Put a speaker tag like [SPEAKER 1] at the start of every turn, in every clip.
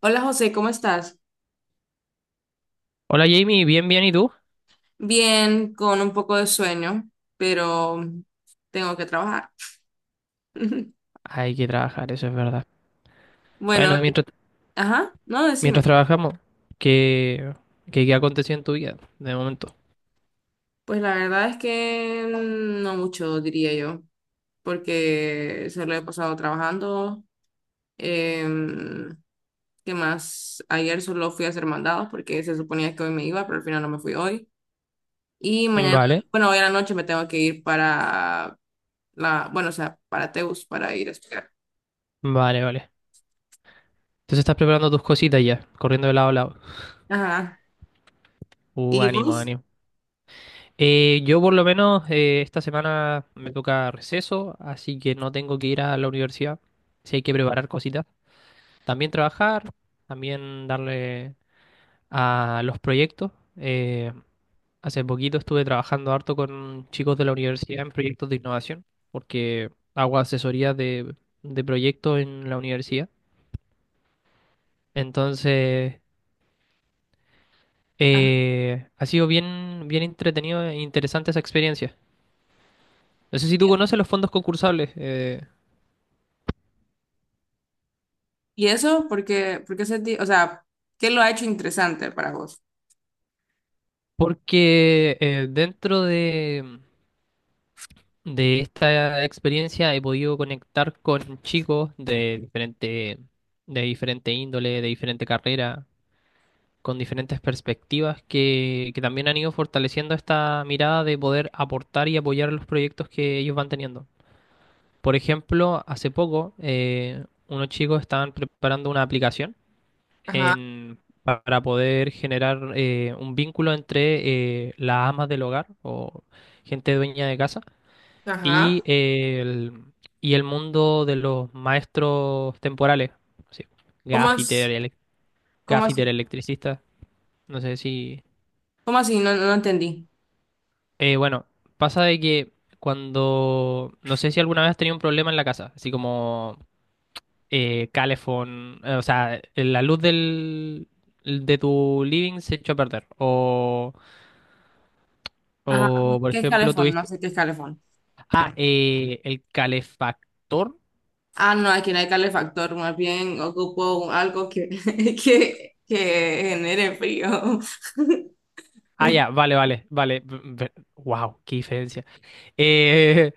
[SPEAKER 1] Hola José, ¿cómo estás?
[SPEAKER 2] Hola Jamie, bien, bien, ¿y tú?
[SPEAKER 1] Bien, con un poco de sueño, pero tengo que trabajar.
[SPEAKER 2] Hay que trabajar, eso es verdad.
[SPEAKER 1] Bueno,
[SPEAKER 2] Bueno, mientras,
[SPEAKER 1] ajá, no,
[SPEAKER 2] mientras
[SPEAKER 1] decime.
[SPEAKER 2] trabajamos, ¿qué, qué aconteció en tu vida de momento?
[SPEAKER 1] Pues la verdad es que no mucho, diría yo, porque se lo he pasado trabajando. Em, ¿Qué más? Ayer solo fui a hacer mandados porque se suponía que hoy me iba, pero al final no me fui hoy. Y mañana,
[SPEAKER 2] Vale,
[SPEAKER 1] bueno, hoy a la noche me tengo que ir para la, bueno, o sea, para Teus, para ir a estudiar.
[SPEAKER 2] vale, vale. Entonces estás preparando tus cositas ya, corriendo de lado a lado.
[SPEAKER 1] Ajá. ¿Y
[SPEAKER 2] Ánimo,
[SPEAKER 1] vos?
[SPEAKER 2] ánimo. Yo por lo menos esta semana me toca receso, así que no tengo que ir a la universidad. Sí hay que preparar cositas. También trabajar, también darle a los proyectos. Hace poquito estuve trabajando harto con chicos de la universidad en proyectos de innovación, porque hago asesoría de proyectos en la universidad. Entonces,
[SPEAKER 1] Ajá.
[SPEAKER 2] ha sido bien, bien entretenido e interesante esa experiencia. No sé si tú conoces los fondos concursables.
[SPEAKER 1] ¿Y eso? Porque o sea, ¿qué lo ha hecho interesante para vos?
[SPEAKER 2] Porque dentro de esta experiencia he podido conectar con chicos de diferente índole, de diferente carrera con diferentes perspectivas que también han ido fortaleciendo esta mirada de poder aportar y apoyar los proyectos que ellos van teniendo. Por ejemplo, hace poco unos chicos estaban preparando una aplicación
[SPEAKER 1] Ajá,
[SPEAKER 2] en, para poder generar un vínculo entre las amas del hogar o gente dueña de casa y,
[SPEAKER 1] ajá.
[SPEAKER 2] y el mundo de los maestros temporales, así,
[SPEAKER 1] ¿Cómo
[SPEAKER 2] gaffiter,
[SPEAKER 1] as- cómo
[SPEAKER 2] gaffiter,
[SPEAKER 1] así?
[SPEAKER 2] electricista, no sé si...
[SPEAKER 1] ¿Cómo así? No, no entendí.
[SPEAKER 2] Bueno, pasa de que cuando, no sé si alguna vez has tenido un problema en la casa, así como calefón, o sea, la luz de tu living se echó a perder,
[SPEAKER 1] Ajá.
[SPEAKER 2] o por
[SPEAKER 1] ¿Qué es
[SPEAKER 2] ejemplo
[SPEAKER 1] calefón? No
[SPEAKER 2] tuviste,
[SPEAKER 1] sé qué es calefón.
[SPEAKER 2] ah, el calefactor,
[SPEAKER 1] Ah, no, aquí no hay calefactor, más bien ocupo algo que, que genere frío.
[SPEAKER 2] ah, ya, vale, vale, vale, wow, qué diferencia. Eh,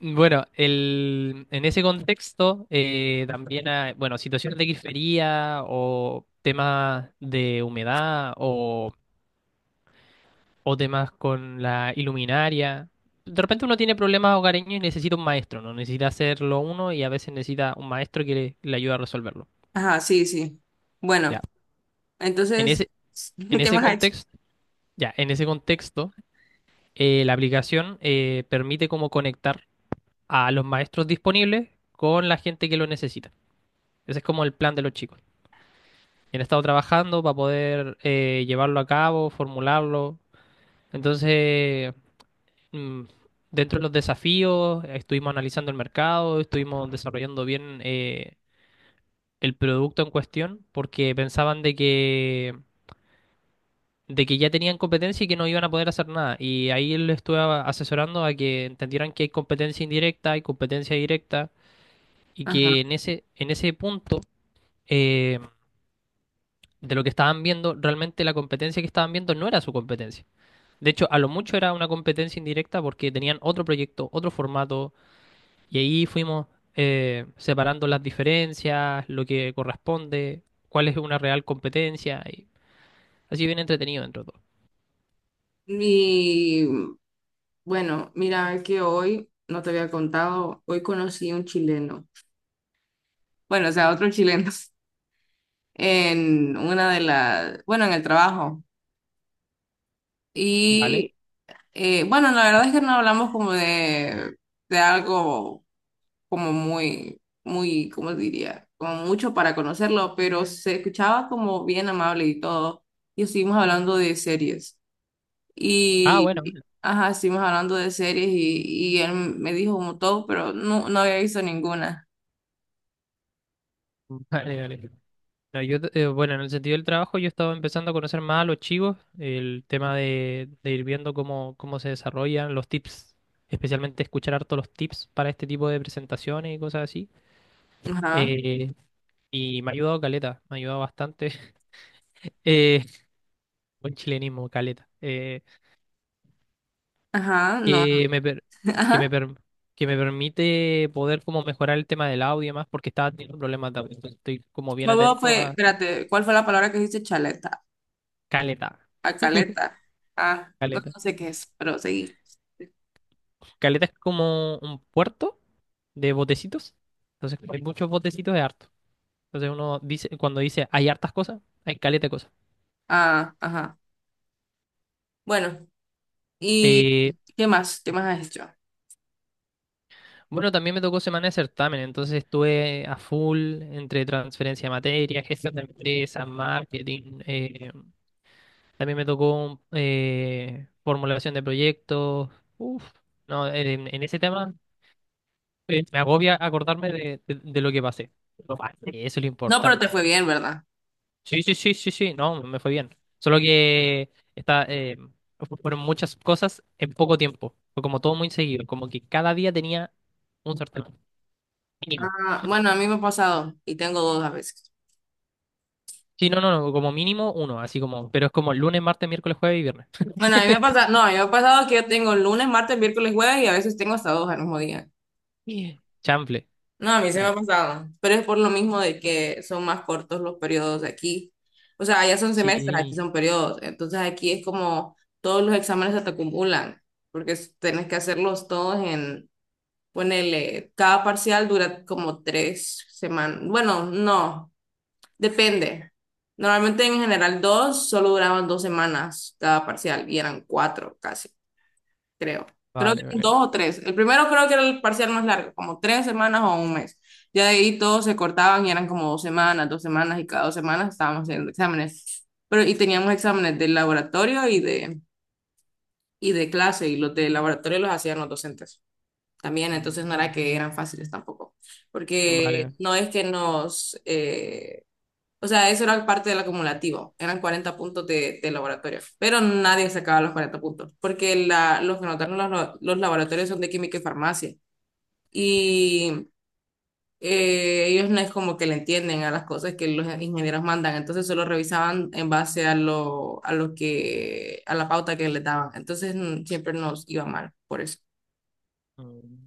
[SPEAKER 2] En ese contexto también hay, bueno, situaciones de grifería o temas de humedad o temas con la iluminaria. De repente uno tiene problemas hogareños y necesita un maestro, ¿no? Necesita hacerlo uno y a veces necesita un maestro que le ayude a resolverlo.
[SPEAKER 1] Ajá, sí, sí.
[SPEAKER 2] Ya.
[SPEAKER 1] Bueno,
[SPEAKER 2] En
[SPEAKER 1] entonces,
[SPEAKER 2] ese, en
[SPEAKER 1] ¿qué
[SPEAKER 2] ese
[SPEAKER 1] más ha hecho?
[SPEAKER 2] contexto, ya, en ese contexto, la aplicación permite como conectar a los maestros disponibles con la gente que lo necesita. Ese es como el plan de los chicos. Han estado trabajando para poder llevarlo a cabo, formularlo. Entonces, mm, dentro de los desafíos, estuvimos analizando el mercado, estuvimos desarrollando bien el producto en cuestión, porque pensaban de que ya tenían competencia y que no iban a poder hacer nada. Y ahí les estuve asesorando a que entendieran que hay competencia indirecta, hay competencia directa, y
[SPEAKER 1] Ajá.
[SPEAKER 2] que en ese punto eh, de lo que estaban viendo, realmente la competencia que estaban viendo no era su competencia. De hecho, a lo mucho era una competencia indirecta porque tenían otro proyecto, otro formato, y ahí fuimos separando las diferencias, lo que corresponde, cuál es una real competencia, y así bien entretenido dentro de todo.
[SPEAKER 1] Y bueno, mira que hoy, no te había contado, hoy conocí un chileno. Bueno, o sea, otro chileno. En una de las, bueno, en el trabajo.
[SPEAKER 2] ¿Vale?
[SPEAKER 1] Y bueno, la verdad es que no hablamos como de algo como muy, muy, ¿cómo diría? Como mucho para conocerlo, pero se escuchaba como bien amable y todo. Y estuvimos hablando de series.
[SPEAKER 2] Ah, bueno,
[SPEAKER 1] Y,
[SPEAKER 2] bueno.
[SPEAKER 1] ajá, estuvimos hablando de series y él me dijo como todo, pero no, no había visto ninguna.
[SPEAKER 2] Vale, vale. No, yo, bueno, en el sentido del trabajo, yo estaba empezando a conocer más a los chicos, el tema de ir viendo cómo, cómo se desarrollan los tips, especialmente escuchar harto los tips para este tipo de presentaciones y cosas así.
[SPEAKER 1] Ajá,
[SPEAKER 2] Eh, Y me ha ayudado caleta, me ha ayudado bastante. Eh, buen chilenismo, caleta.
[SPEAKER 1] ajá, no,
[SPEAKER 2] Que me, per- que me,
[SPEAKER 1] ajá.
[SPEAKER 2] per- que me permite poder como mejorar el tema del audio y demás, porque estaba teniendo problemas de audio. Entonces estoy como bien
[SPEAKER 1] ¿Cómo
[SPEAKER 2] atento
[SPEAKER 1] fue?
[SPEAKER 2] a
[SPEAKER 1] Espérate, ¿cuál fue la palabra que dijiste? Chaleta.
[SPEAKER 2] caleta,
[SPEAKER 1] A caleta. Ah, no,
[SPEAKER 2] caleta.
[SPEAKER 1] no sé qué es, pero sí.
[SPEAKER 2] Caleta es como un puerto de botecitos. Entonces, como hay muchos botecitos de harto. Entonces uno dice, cuando dice hay hartas cosas, hay caleta de cosas.
[SPEAKER 1] Ah, ajá. Bueno, ¿y
[SPEAKER 2] eh,
[SPEAKER 1] qué más? ¿Qué más has hecho?
[SPEAKER 2] Bueno, también me tocó semana de certamen, entonces estuve a full entre transferencia de materia, gestión de empresas, marketing. También me tocó formulación de proyectos. Uf, no, en ese tema me agobia acordarme de lo que pasé. Lo pasé, eso es lo
[SPEAKER 1] No, pero te
[SPEAKER 2] importante.
[SPEAKER 1] fue bien, ¿verdad?
[SPEAKER 2] Sí, sí, sí, sí, sí, no, me fue bien. Solo que está, fueron muchas cosas en poco tiempo. Fue como todo muy seguido, como que cada día tenía un certamen mínimo.
[SPEAKER 1] Ah, bueno, a mí me ha pasado y tengo dos a veces.
[SPEAKER 2] Sí, no, no, no, como mínimo uno, así como, pero es como lunes, martes, miércoles, jueves y viernes.
[SPEAKER 1] Bueno, a mí me ha pasado, no, a mí me ha pasado que yo tengo lunes, martes, miércoles, jueves y a veces tengo hasta dos al mismo día.
[SPEAKER 2] Chanfle.
[SPEAKER 1] No, a mí se me
[SPEAKER 2] Ah,
[SPEAKER 1] ha pasado, pero es por lo mismo de que son más cortos los periodos de aquí. O sea, allá son semestres, aquí
[SPEAKER 2] sí,
[SPEAKER 1] son periodos. Entonces aquí es como todos los exámenes se te acumulan, porque tenés que hacerlos todos en. Ponele, cada parcial dura como 3 semanas. Bueno, no, depende. Normalmente en general dos, solo duraban 2 semanas cada parcial y eran cuatro casi, creo. Creo que
[SPEAKER 2] vale,
[SPEAKER 1] eran
[SPEAKER 2] vale.
[SPEAKER 1] dos o tres. El primero creo que era el parcial más largo, como 3 semanas o un mes. Ya de ahí todos se cortaban y eran como 2 semanas, 2 semanas y cada 2 semanas estábamos haciendo exámenes. Pero y teníamos exámenes de laboratorio y de clase y los de laboratorio los hacían los docentes también, entonces no era
[SPEAKER 2] Mm.
[SPEAKER 1] que eran fáciles tampoco, porque
[SPEAKER 2] Vale.
[SPEAKER 1] no es que nos, o sea, eso era parte del acumulativo, eran 40 puntos de laboratorio, pero nadie sacaba los 40 puntos, porque los que notaron los laboratorios son de química y farmacia, y ellos no es como que le entienden a las cosas que los ingenieros mandan, entonces solo revisaban en base a lo que, a la pauta que les daban, entonces siempre nos iba mal por eso.
[SPEAKER 2] Mm.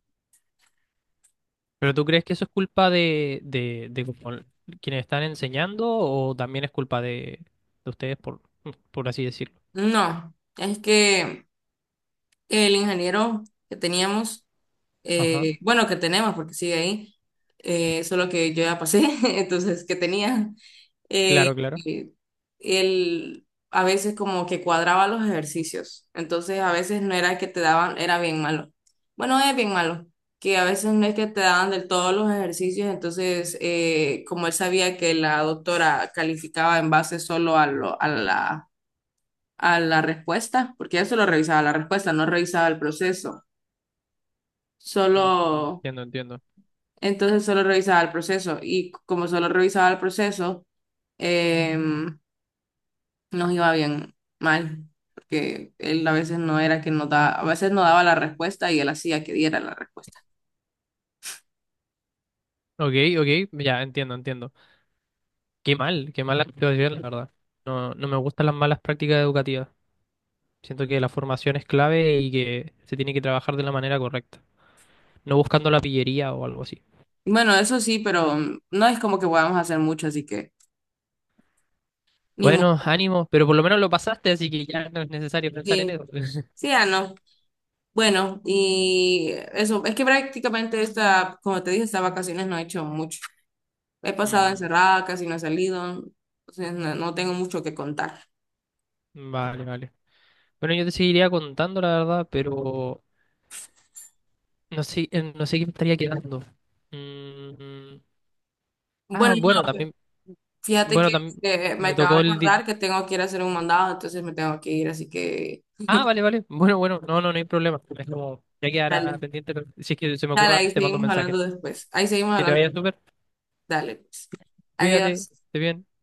[SPEAKER 2] ¿Pero tú crees que eso es culpa de como quienes están enseñando o también es culpa de ustedes, por así decirlo?
[SPEAKER 1] No, es que... El ingeniero que teníamos,
[SPEAKER 2] Ajá,
[SPEAKER 1] bueno, que tenemos porque sigue ahí, solo que yo ya pasé, entonces que tenía,
[SPEAKER 2] claro,
[SPEAKER 1] eh,
[SPEAKER 2] claro.
[SPEAKER 1] eh, él a veces como que cuadraba los ejercicios, entonces a veces no era que te daban, era bien malo. Bueno, es bien malo, que a veces no es que te daban del todo los ejercicios, entonces como él sabía que la doctora calificaba en base solo a la respuesta, porque eso lo revisaba la respuesta, no revisaba el proceso
[SPEAKER 2] Mm,
[SPEAKER 1] solo,
[SPEAKER 2] entiendo, entiendo.
[SPEAKER 1] entonces solo revisaba el proceso y como solo revisaba el proceso, em, nos iba bien mal, porque él a veces no era que nos daba, a veces no daba la respuesta y él hacía que diera la respuesta.
[SPEAKER 2] Ok, ok, ya entiendo, entiendo. Qué mal, qué mala situación, la verdad. No, no me gustan las malas prácticas educativas. Siento que la formación es clave y que se tiene que trabajar de la manera correcta, no buscando la pillería o algo así.
[SPEAKER 1] Bueno, eso sí, pero no es como que podamos hacer mucho, así que ni
[SPEAKER 2] Bueno,
[SPEAKER 1] modo.
[SPEAKER 2] ánimo, pero por lo menos lo pasaste, así que ya no es necesario pensar en
[SPEAKER 1] Sí,
[SPEAKER 2] eso.
[SPEAKER 1] sí, ah, no. Bueno, y eso, es que prácticamente esta, como te dije, estas vacaciones no he hecho mucho. He pasado
[SPEAKER 2] Mm,
[SPEAKER 1] encerrada, casi no he salido, entonces no tengo mucho que contar.
[SPEAKER 2] vale, vale. Bueno, yo te seguiría contando, la verdad, pero no sé, no sé qué me estaría quedando. Mm,
[SPEAKER 1] Bueno,
[SPEAKER 2] ah,
[SPEAKER 1] no, fíjate
[SPEAKER 2] bueno,
[SPEAKER 1] que
[SPEAKER 2] también
[SPEAKER 1] me
[SPEAKER 2] me
[SPEAKER 1] acaba
[SPEAKER 2] tocó
[SPEAKER 1] de
[SPEAKER 2] el...
[SPEAKER 1] acordar que tengo que ir a hacer un mandado, entonces me tengo que ir, así que
[SPEAKER 2] Ah, vale, vale. Bueno, bueno, no, no, no hay problema. Es como, ya quedará
[SPEAKER 1] dale,
[SPEAKER 2] pendiente, pero si es que se me
[SPEAKER 1] dale,
[SPEAKER 2] ocurre
[SPEAKER 1] ahí
[SPEAKER 2] algo, te mando un
[SPEAKER 1] seguimos hablando
[SPEAKER 2] mensaje.
[SPEAKER 1] después, ahí seguimos
[SPEAKER 2] Que te vaya
[SPEAKER 1] hablando,
[SPEAKER 2] súper,
[SPEAKER 1] dale, pues.
[SPEAKER 2] cuídate,
[SPEAKER 1] Adiós.
[SPEAKER 2] esté bien.